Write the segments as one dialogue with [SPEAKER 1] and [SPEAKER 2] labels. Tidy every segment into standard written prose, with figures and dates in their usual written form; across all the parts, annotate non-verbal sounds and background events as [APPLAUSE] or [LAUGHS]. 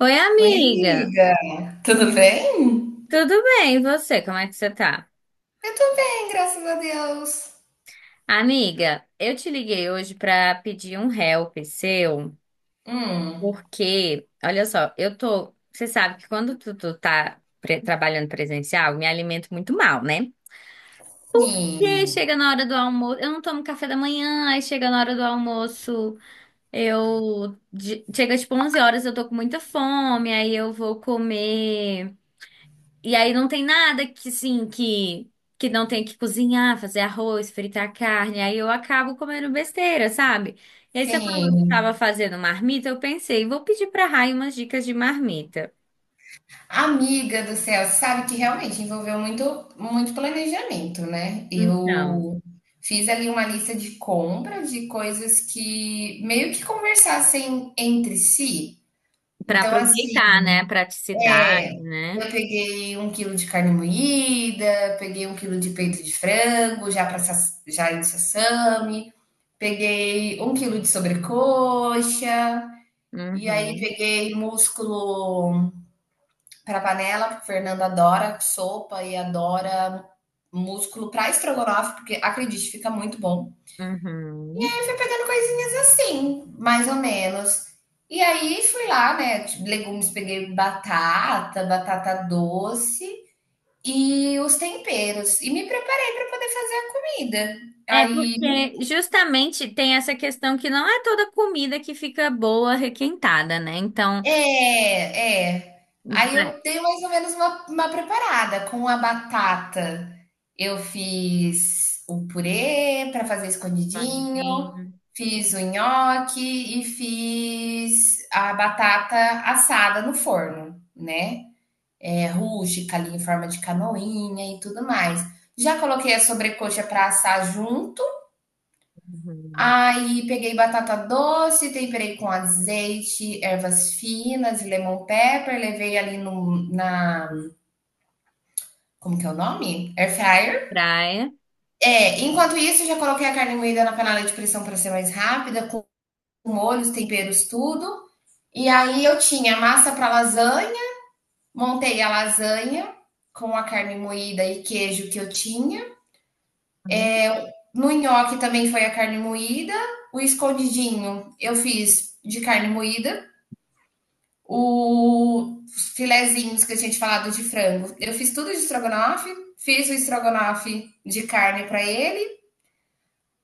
[SPEAKER 1] Oi,
[SPEAKER 2] Oi,
[SPEAKER 1] amiga.
[SPEAKER 2] amiga. Tudo bem?
[SPEAKER 1] Tudo bem? E você? Como é que você tá?
[SPEAKER 2] Eu tô bem, graças a Deus.
[SPEAKER 1] Amiga, eu te liguei hoje pra pedir um help seu,
[SPEAKER 2] Hum,
[SPEAKER 1] porque, olha só, eu tô, você sabe que quando tu tá trabalhando presencial, eu me alimento muito mal, né? E aí
[SPEAKER 2] sim,
[SPEAKER 1] chega na hora do almoço, eu não tomo café da manhã, aí chega na hora do almoço, chega tipo 11 horas, eu tô com muita fome, aí eu vou comer. E aí não tem nada que, assim, que não tenha que cozinhar, fazer arroz, fritar carne. Aí eu acabo comendo besteira, sabe? E aí você falou que
[SPEAKER 2] sim.
[SPEAKER 1] estava fazendo marmita, eu pensei, vou pedir pra Rai umas dicas de marmita.
[SPEAKER 2] Amiga do céu, sabe que realmente envolveu muito, muito planejamento, né?
[SPEAKER 1] Então,
[SPEAKER 2] Eu fiz ali uma lista de compras de coisas que meio que conversassem entre si.
[SPEAKER 1] para
[SPEAKER 2] Então, assim,
[SPEAKER 1] aproveitar, né? Praticidade,
[SPEAKER 2] é,
[SPEAKER 1] né?
[SPEAKER 2] eu peguei 1 quilo de carne moída, peguei 1 quilo de peito de frango, já para já em sassami. Peguei 1 quilo de sobrecoxa, e aí
[SPEAKER 1] Uhum,
[SPEAKER 2] peguei músculo para panela, porque a Fernanda adora sopa e adora músculo para estrogonofe, porque acredite, fica muito bom. E
[SPEAKER 1] uhum.
[SPEAKER 2] aí fui pegando coisinhas assim, mais ou menos. E aí fui lá, né? Legumes, peguei batata, batata doce e os temperos. E me preparei para poder fazer a comida.
[SPEAKER 1] É
[SPEAKER 2] Aí.
[SPEAKER 1] porque justamente tem essa questão que não é toda comida que fica boa, requentada, né? Então,
[SPEAKER 2] É, é. Aí
[SPEAKER 1] né,
[SPEAKER 2] eu dei mais ou menos uma preparada. Com a batata, eu fiz o purê para fazer escondidinho,
[SPEAKER 1] pãozinho,
[SPEAKER 2] fiz o nhoque e fiz a batata assada no forno, né, rústica ali em forma de canoinha e tudo mais. Já coloquei a sobrecoxa para assar junto.
[SPEAKER 1] uhum,
[SPEAKER 2] Aí peguei batata doce, temperei com azeite, ervas finas, lemon pepper, levei ali no, na. Como que é o nome? Air fryer.
[SPEAKER 1] praia.
[SPEAKER 2] É, enquanto isso, já coloquei a carne moída na panela de pressão para ser mais rápida, com molhos, temperos, tudo. E aí eu tinha massa para lasanha, montei a lasanha com a carne moída e queijo que eu tinha.
[SPEAKER 1] Uhum.
[SPEAKER 2] No nhoque também foi a carne moída. O escondidinho eu fiz de carne moída. Os filezinhos que eu tinha te falado de frango, eu fiz tudo de estrogonofe, fiz o estrogonofe de carne para ele.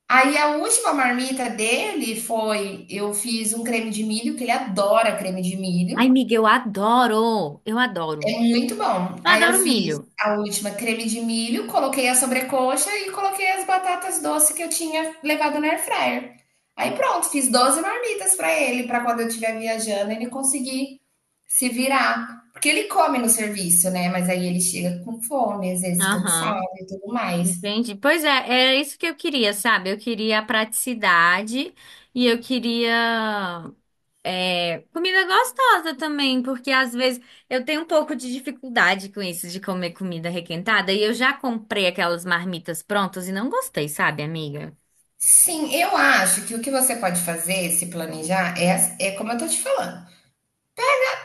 [SPEAKER 2] Aí a última marmita dele foi: eu fiz um creme de milho, que ele adora creme de
[SPEAKER 1] Ai,
[SPEAKER 2] milho,
[SPEAKER 1] Miguel, eu adoro! Eu adoro.
[SPEAKER 2] é muito bom.
[SPEAKER 1] Eu
[SPEAKER 2] Aí eu
[SPEAKER 1] adoro
[SPEAKER 2] fiz
[SPEAKER 1] milho.
[SPEAKER 2] a última creme de milho, coloquei a sobrecoxa e coloquei as batatas doces que eu tinha levado no air fryer. Aí pronto, fiz 12 marmitas para ele, para quando eu estiver viajando, ele conseguir se virar. Porque ele come no serviço, né? Mas aí ele chega com fome, às vezes cansado
[SPEAKER 1] Aham,
[SPEAKER 2] e tudo mais.
[SPEAKER 1] entendi. Pois é, era isso que eu queria, sabe? Eu queria a praticidade e eu queria, é, comida gostosa também, porque às vezes eu tenho um pouco de dificuldade com isso de comer comida requentada e eu já comprei aquelas marmitas prontas e não gostei, sabe, amiga?
[SPEAKER 2] Sim, eu acho que o que você pode fazer, se planejar, é como eu tô te falando.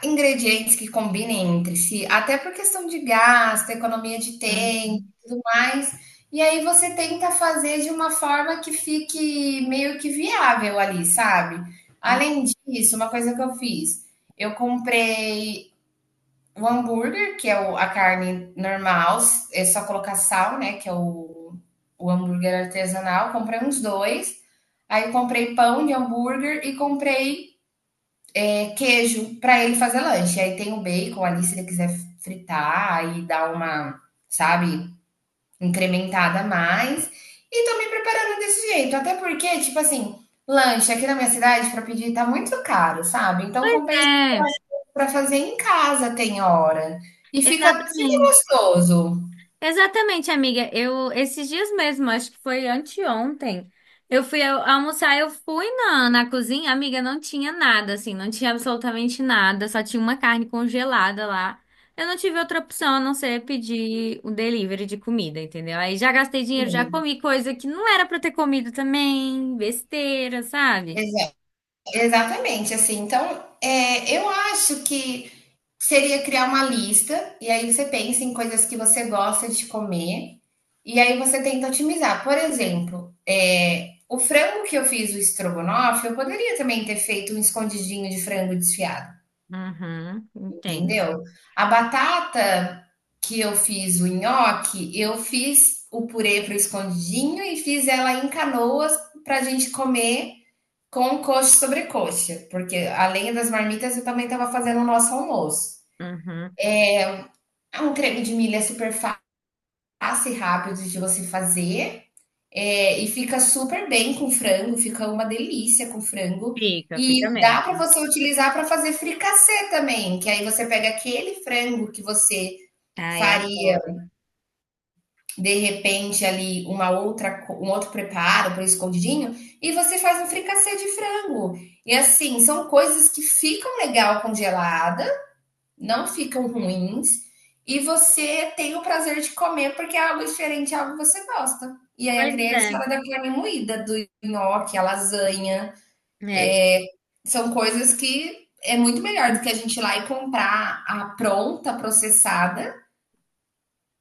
[SPEAKER 2] Ingredientes que combinem entre si, até por questão de gasto, economia de tempo
[SPEAKER 1] Uhum.
[SPEAKER 2] e tudo mais. E aí você tenta fazer de uma forma que fique meio que viável ali, sabe? Além disso, uma coisa que eu fiz, eu comprei o hambúrguer, que é a carne normal, é só colocar sal, né? Que é o hambúrguer artesanal. Comprei uns dois. Aí comprei pão de hambúrguer e comprei queijo para ele fazer lanche. Aí tem o bacon ali, se ele quiser fritar, aí dar uma, sabe, incrementada a mais. E tô me preparando desse jeito. Até porque, tipo assim, lanche aqui na minha cidade para pedir tá muito caro, sabe? Então
[SPEAKER 1] Pois
[SPEAKER 2] compensa
[SPEAKER 1] é,
[SPEAKER 2] para fazer em casa, tem hora. E fica, fica
[SPEAKER 1] exatamente.
[SPEAKER 2] gostoso.
[SPEAKER 1] Exatamente, amiga. Eu esses dias mesmo, acho que foi anteontem, almoçar, eu fui na cozinha, amiga, não tinha nada, assim, não tinha absolutamente nada, só tinha uma carne congelada lá. Eu não tive outra opção a não ser pedir o delivery de comida, entendeu? Aí já gastei dinheiro, já
[SPEAKER 2] Sim,
[SPEAKER 1] comi coisa que não era pra eu ter comido também, besteira, sabe?
[SPEAKER 2] exa- exatamente, assim. Então, eu acho que seria criar uma lista, e aí você pensa em coisas que você gosta de comer, e aí você tenta otimizar. Por exemplo, o frango que eu fiz, o estrogonofe, eu poderia também ter feito um escondidinho de frango desfiado.
[SPEAKER 1] Uhum, entendo.
[SPEAKER 2] Entendeu? A batata que eu fiz o nhoque, eu fiz o purê para o escondidinho e fiz ela em canoas para a gente comer com coxa sobre coxa, porque além das marmitas eu também estava fazendo o nosso almoço.
[SPEAKER 1] Uhum.
[SPEAKER 2] É. Um creme de milho é super fácil e rápido de você fazer. É, e fica super bem com frango, fica uma delícia com frango.
[SPEAKER 1] Fica,
[SPEAKER 2] E
[SPEAKER 1] fica
[SPEAKER 2] dá para
[SPEAKER 1] mesmo.
[SPEAKER 2] você utilizar para fazer fricassê também, que aí você pega aquele frango que você
[SPEAKER 1] Ai,
[SPEAKER 2] faria
[SPEAKER 1] adoro.
[SPEAKER 2] de repente ali uma outra um outro preparo para escondidinho e você faz um fricassê de frango. E assim, são coisas que ficam legal congelada, não ficam ruins, e você tem o prazer de comer porque é algo diferente, é algo que você gosta. E aí eu
[SPEAKER 1] Pois
[SPEAKER 2] criei a
[SPEAKER 1] é.
[SPEAKER 2] história da carne moída, do nhoque, a lasanha.
[SPEAKER 1] É.
[SPEAKER 2] São coisas que é muito melhor do que a gente ir lá e comprar a pronta, processada.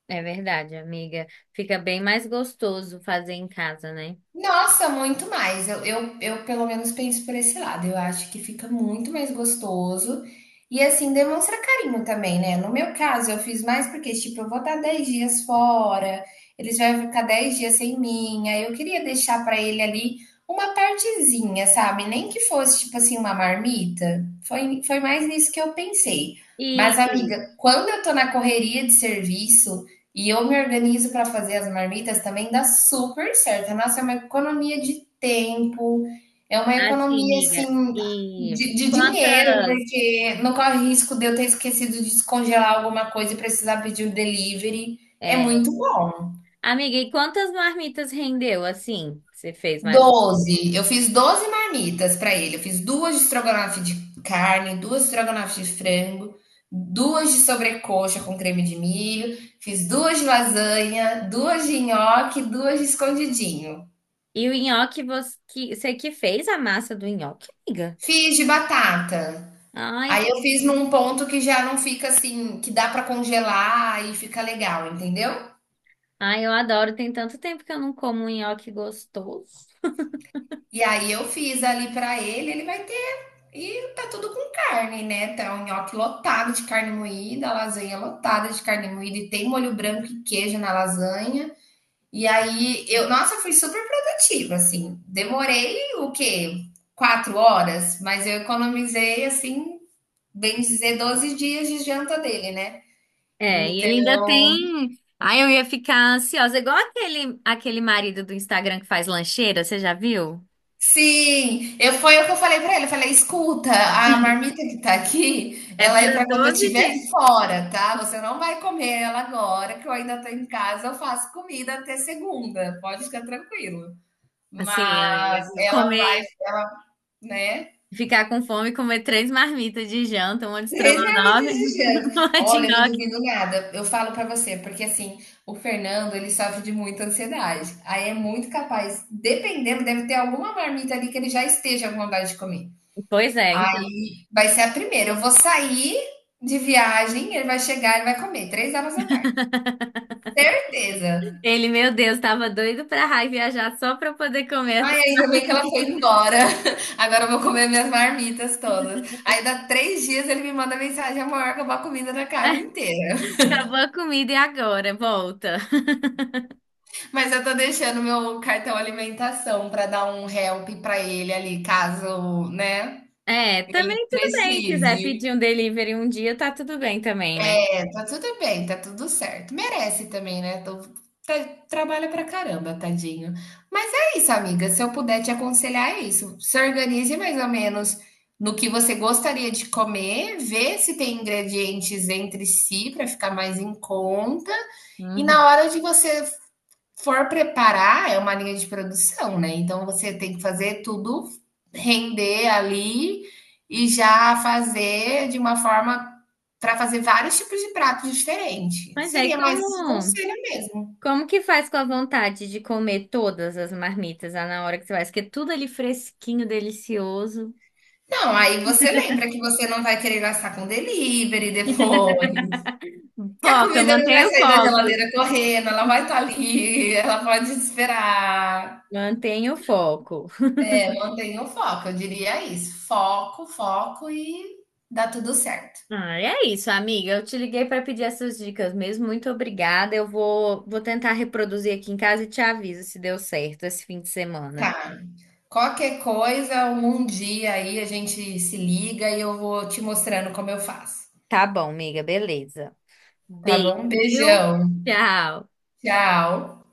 [SPEAKER 1] É verdade, amiga. Fica bem mais gostoso fazer em casa, né?
[SPEAKER 2] Nossa, muito mais. Eu pelo menos penso por esse lado. Eu acho que fica muito mais gostoso e assim demonstra carinho também, né? No meu caso, eu fiz mais porque, tipo, eu vou estar 10 dias fora, eles vão ficar 10 dias sem mim. Aí eu queria deixar para ele ali uma partezinha, sabe? Nem que fosse, tipo assim, uma marmita. Foi, foi mais nisso que eu pensei. Mas,
[SPEAKER 1] E
[SPEAKER 2] amiga, quando eu tô na correria de serviço, e eu me organizo para fazer as marmitas também, dá super certo. Nossa, é uma economia de tempo, é uma
[SPEAKER 1] assim,
[SPEAKER 2] economia
[SPEAKER 1] amiga,
[SPEAKER 2] assim
[SPEAKER 1] e
[SPEAKER 2] de dinheiro,
[SPEAKER 1] quantas,
[SPEAKER 2] porque não corre risco de eu ter esquecido de descongelar alguma coisa e precisar pedir o delivery. É
[SPEAKER 1] é,
[SPEAKER 2] muito bom.
[SPEAKER 1] amiga, e quantas marmitas rendeu assim? Que você fez mais?
[SPEAKER 2] 12. Eu fiz 12 marmitas para ele. Eu fiz duas de estrogonofe de carne, duas de estrogonofe de frango, duas de sobrecoxa com creme de milho, fiz duas de lasanha, duas de nhoque, duas de escondidinho.
[SPEAKER 1] E o nhoque você que fez a massa do nhoque, amiga?
[SPEAKER 2] Fiz de batata.
[SPEAKER 1] Ai, que
[SPEAKER 2] Aí eu fiz num
[SPEAKER 1] delícia.
[SPEAKER 2] ponto que já não fica assim, que dá pra congelar e fica legal, entendeu?
[SPEAKER 1] Ai, eu adoro. Tem tanto tempo que eu não como um nhoque gostoso. [LAUGHS]
[SPEAKER 2] E aí eu fiz ali pra ele, ele vai ter, e tá tudo com carne, né? Tá um nhoque lotado de carne moída, a lasanha lotada de carne moída e tem molho branco e queijo na lasanha. E aí eu, nossa, fui super produtiva, assim. Demorei o quê? 4 horas, mas eu economizei, assim, bem dizer, 12 dias de janta dele, né?
[SPEAKER 1] É, e ele ainda tem. Ai, eu ia ficar ansiosa, igual aquele marido do Instagram que faz lancheira, você já viu?
[SPEAKER 2] Sim, eu foi o que eu falei pra ele, eu falei: "Escuta, a marmita que tá aqui,
[SPEAKER 1] É
[SPEAKER 2] ela é
[SPEAKER 1] para
[SPEAKER 2] pra quando eu
[SPEAKER 1] 12
[SPEAKER 2] estiver
[SPEAKER 1] dias.
[SPEAKER 2] fora, tá? Você não vai comer ela agora, que eu ainda tô em casa, eu faço comida até segunda, pode ficar tranquilo.
[SPEAKER 1] Assim,
[SPEAKER 2] Mas
[SPEAKER 1] amiga,
[SPEAKER 2] ela vai
[SPEAKER 1] comer,
[SPEAKER 2] ela", né.
[SPEAKER 1] ficar com fome, e comer três marmitas de janta, uma de
[SPEAKER 2] 3 marmitas
[SPEAKER 1] estrogonofe,
[SPEAKER 2] de
[SPEAKER 1] [LAUGHS]
[SPEAKER 2] janta.
[SPEAKER 1] uma de
[SPEAKER 2] Olha, eu não
[SPEAKER 1] nhoque.
[SPEAKER 2] duvido nada, eu falo pra você, porque assim, o Fernando ele sofre de muita ansiedade, aí é muito capaz dependendo, deve ter alguma marmita ali que ele já esteja com vontade de comer.
[SPEAKER 1] Pois é, então.
[SPEAKER 2] Vai ser a primeira. Eu vou sair de viagem, ele vai chegar, ele vai comer. 3 horas da tarde. Certeza.
[SPEAKER 1] Ele, meu Deus, tava doido pra raio viajar só pra eu poder comer essa.
[SPEAKER 2] Ai, ainda bem que ela foi embora. [LAUGHS] Agora eu vou comer minhas marmitas todas. Aí, dá 3 dias, ele me manda mensagem: amor, acabou a comida da
[SPEAKER 1] [LAUGHS]
[SPEAKER 2] casa inteira.
[SPEAKER 1] Acabou a comida e agora, volta. [LAUGHS]
[SPEAKER 2] [LAUGHS] Mas eu tô deixando meu cartão alimentação pra dar um help pra ele ali, caso, né,
[SPEAKER 1] É,
[SPEAKER 2] ele
[SPEAKER 1] também tudo bem, quiser
[SPEAKER 2] precise.
[SPEAKER 1] pedir um delivery um dia, tá tudo bem também, né?
[SPEAKER 2] Tá tudo bem, tá tudo certo. Merece também, né? Trabalha pra caramba, tadinho. Mas é isso, amiga. Se eu puder te aconselhar, é isso. Se organize mais ou menos no que você gostaria de comer, vê se tem ingredientes entre si para ficar mais em conta. E na
[SPEAKER 1] Uhum.
[SPEAKER 2] hora de você for preparar, é uma linha de produção, né? Então você tem que fazer tudo render ali e já fazer de uma forma para fazer vários tipos de pratos diferentes.
[SPEAKER 1] Mas aí
[SPEAKER 2] Seria mais esse
[SPEAKER 1] como
[SPEAKER 2] conselho mesmo.
[SPEAKER 1] Como que faz com a vontade de comer todas as marmitas lá na hora que você faz? Porque é tudo ali fresquinho, delicioso.
[SPEAKER 2] Não, aí você lembra que você não vai querer gastar com delivery depois. Que a
[SPEAKER 1] Foca,
[SPEAKER 2] comida não vai
[SPEAKER 1] mantenha o
[SPEAKER 2] sair da
[SPEAKER 1] foco.
[SPEAKER 2] geladeira correndo, ela vai estar ali, ela pode esperar.
[SPEAKER 1] Mantenha o foco.
[SPEAKER 2] É, mantenha o foco, eu diria isso. Foco, foco e dá tudo certo.
[SPEAKER 1] Ah, é isso, amiga. Eu te liguei para pedir essas dicas mesmo. Muito obrigada. Eu vou tentar reproduzir aqui em casa e te aviso se deu certo esse fim de semana.
[SPEAKER 2] Tá. Qualquer coisa, um dia aí a gente se liga e eu vou te mostrando como eu faço.
[SPEAKER 1] Tá bom, amiga. Beleza.
[SPEAKER 2] Tá
[SPEAKER 1] Beijo,
[SPEAKER 2] bom?
[SPEAKER 1] viu?
[SPEAKER 2] Beijão.
[SPEAKER 1] Tchau.
[SPEAKER 2] Tchau.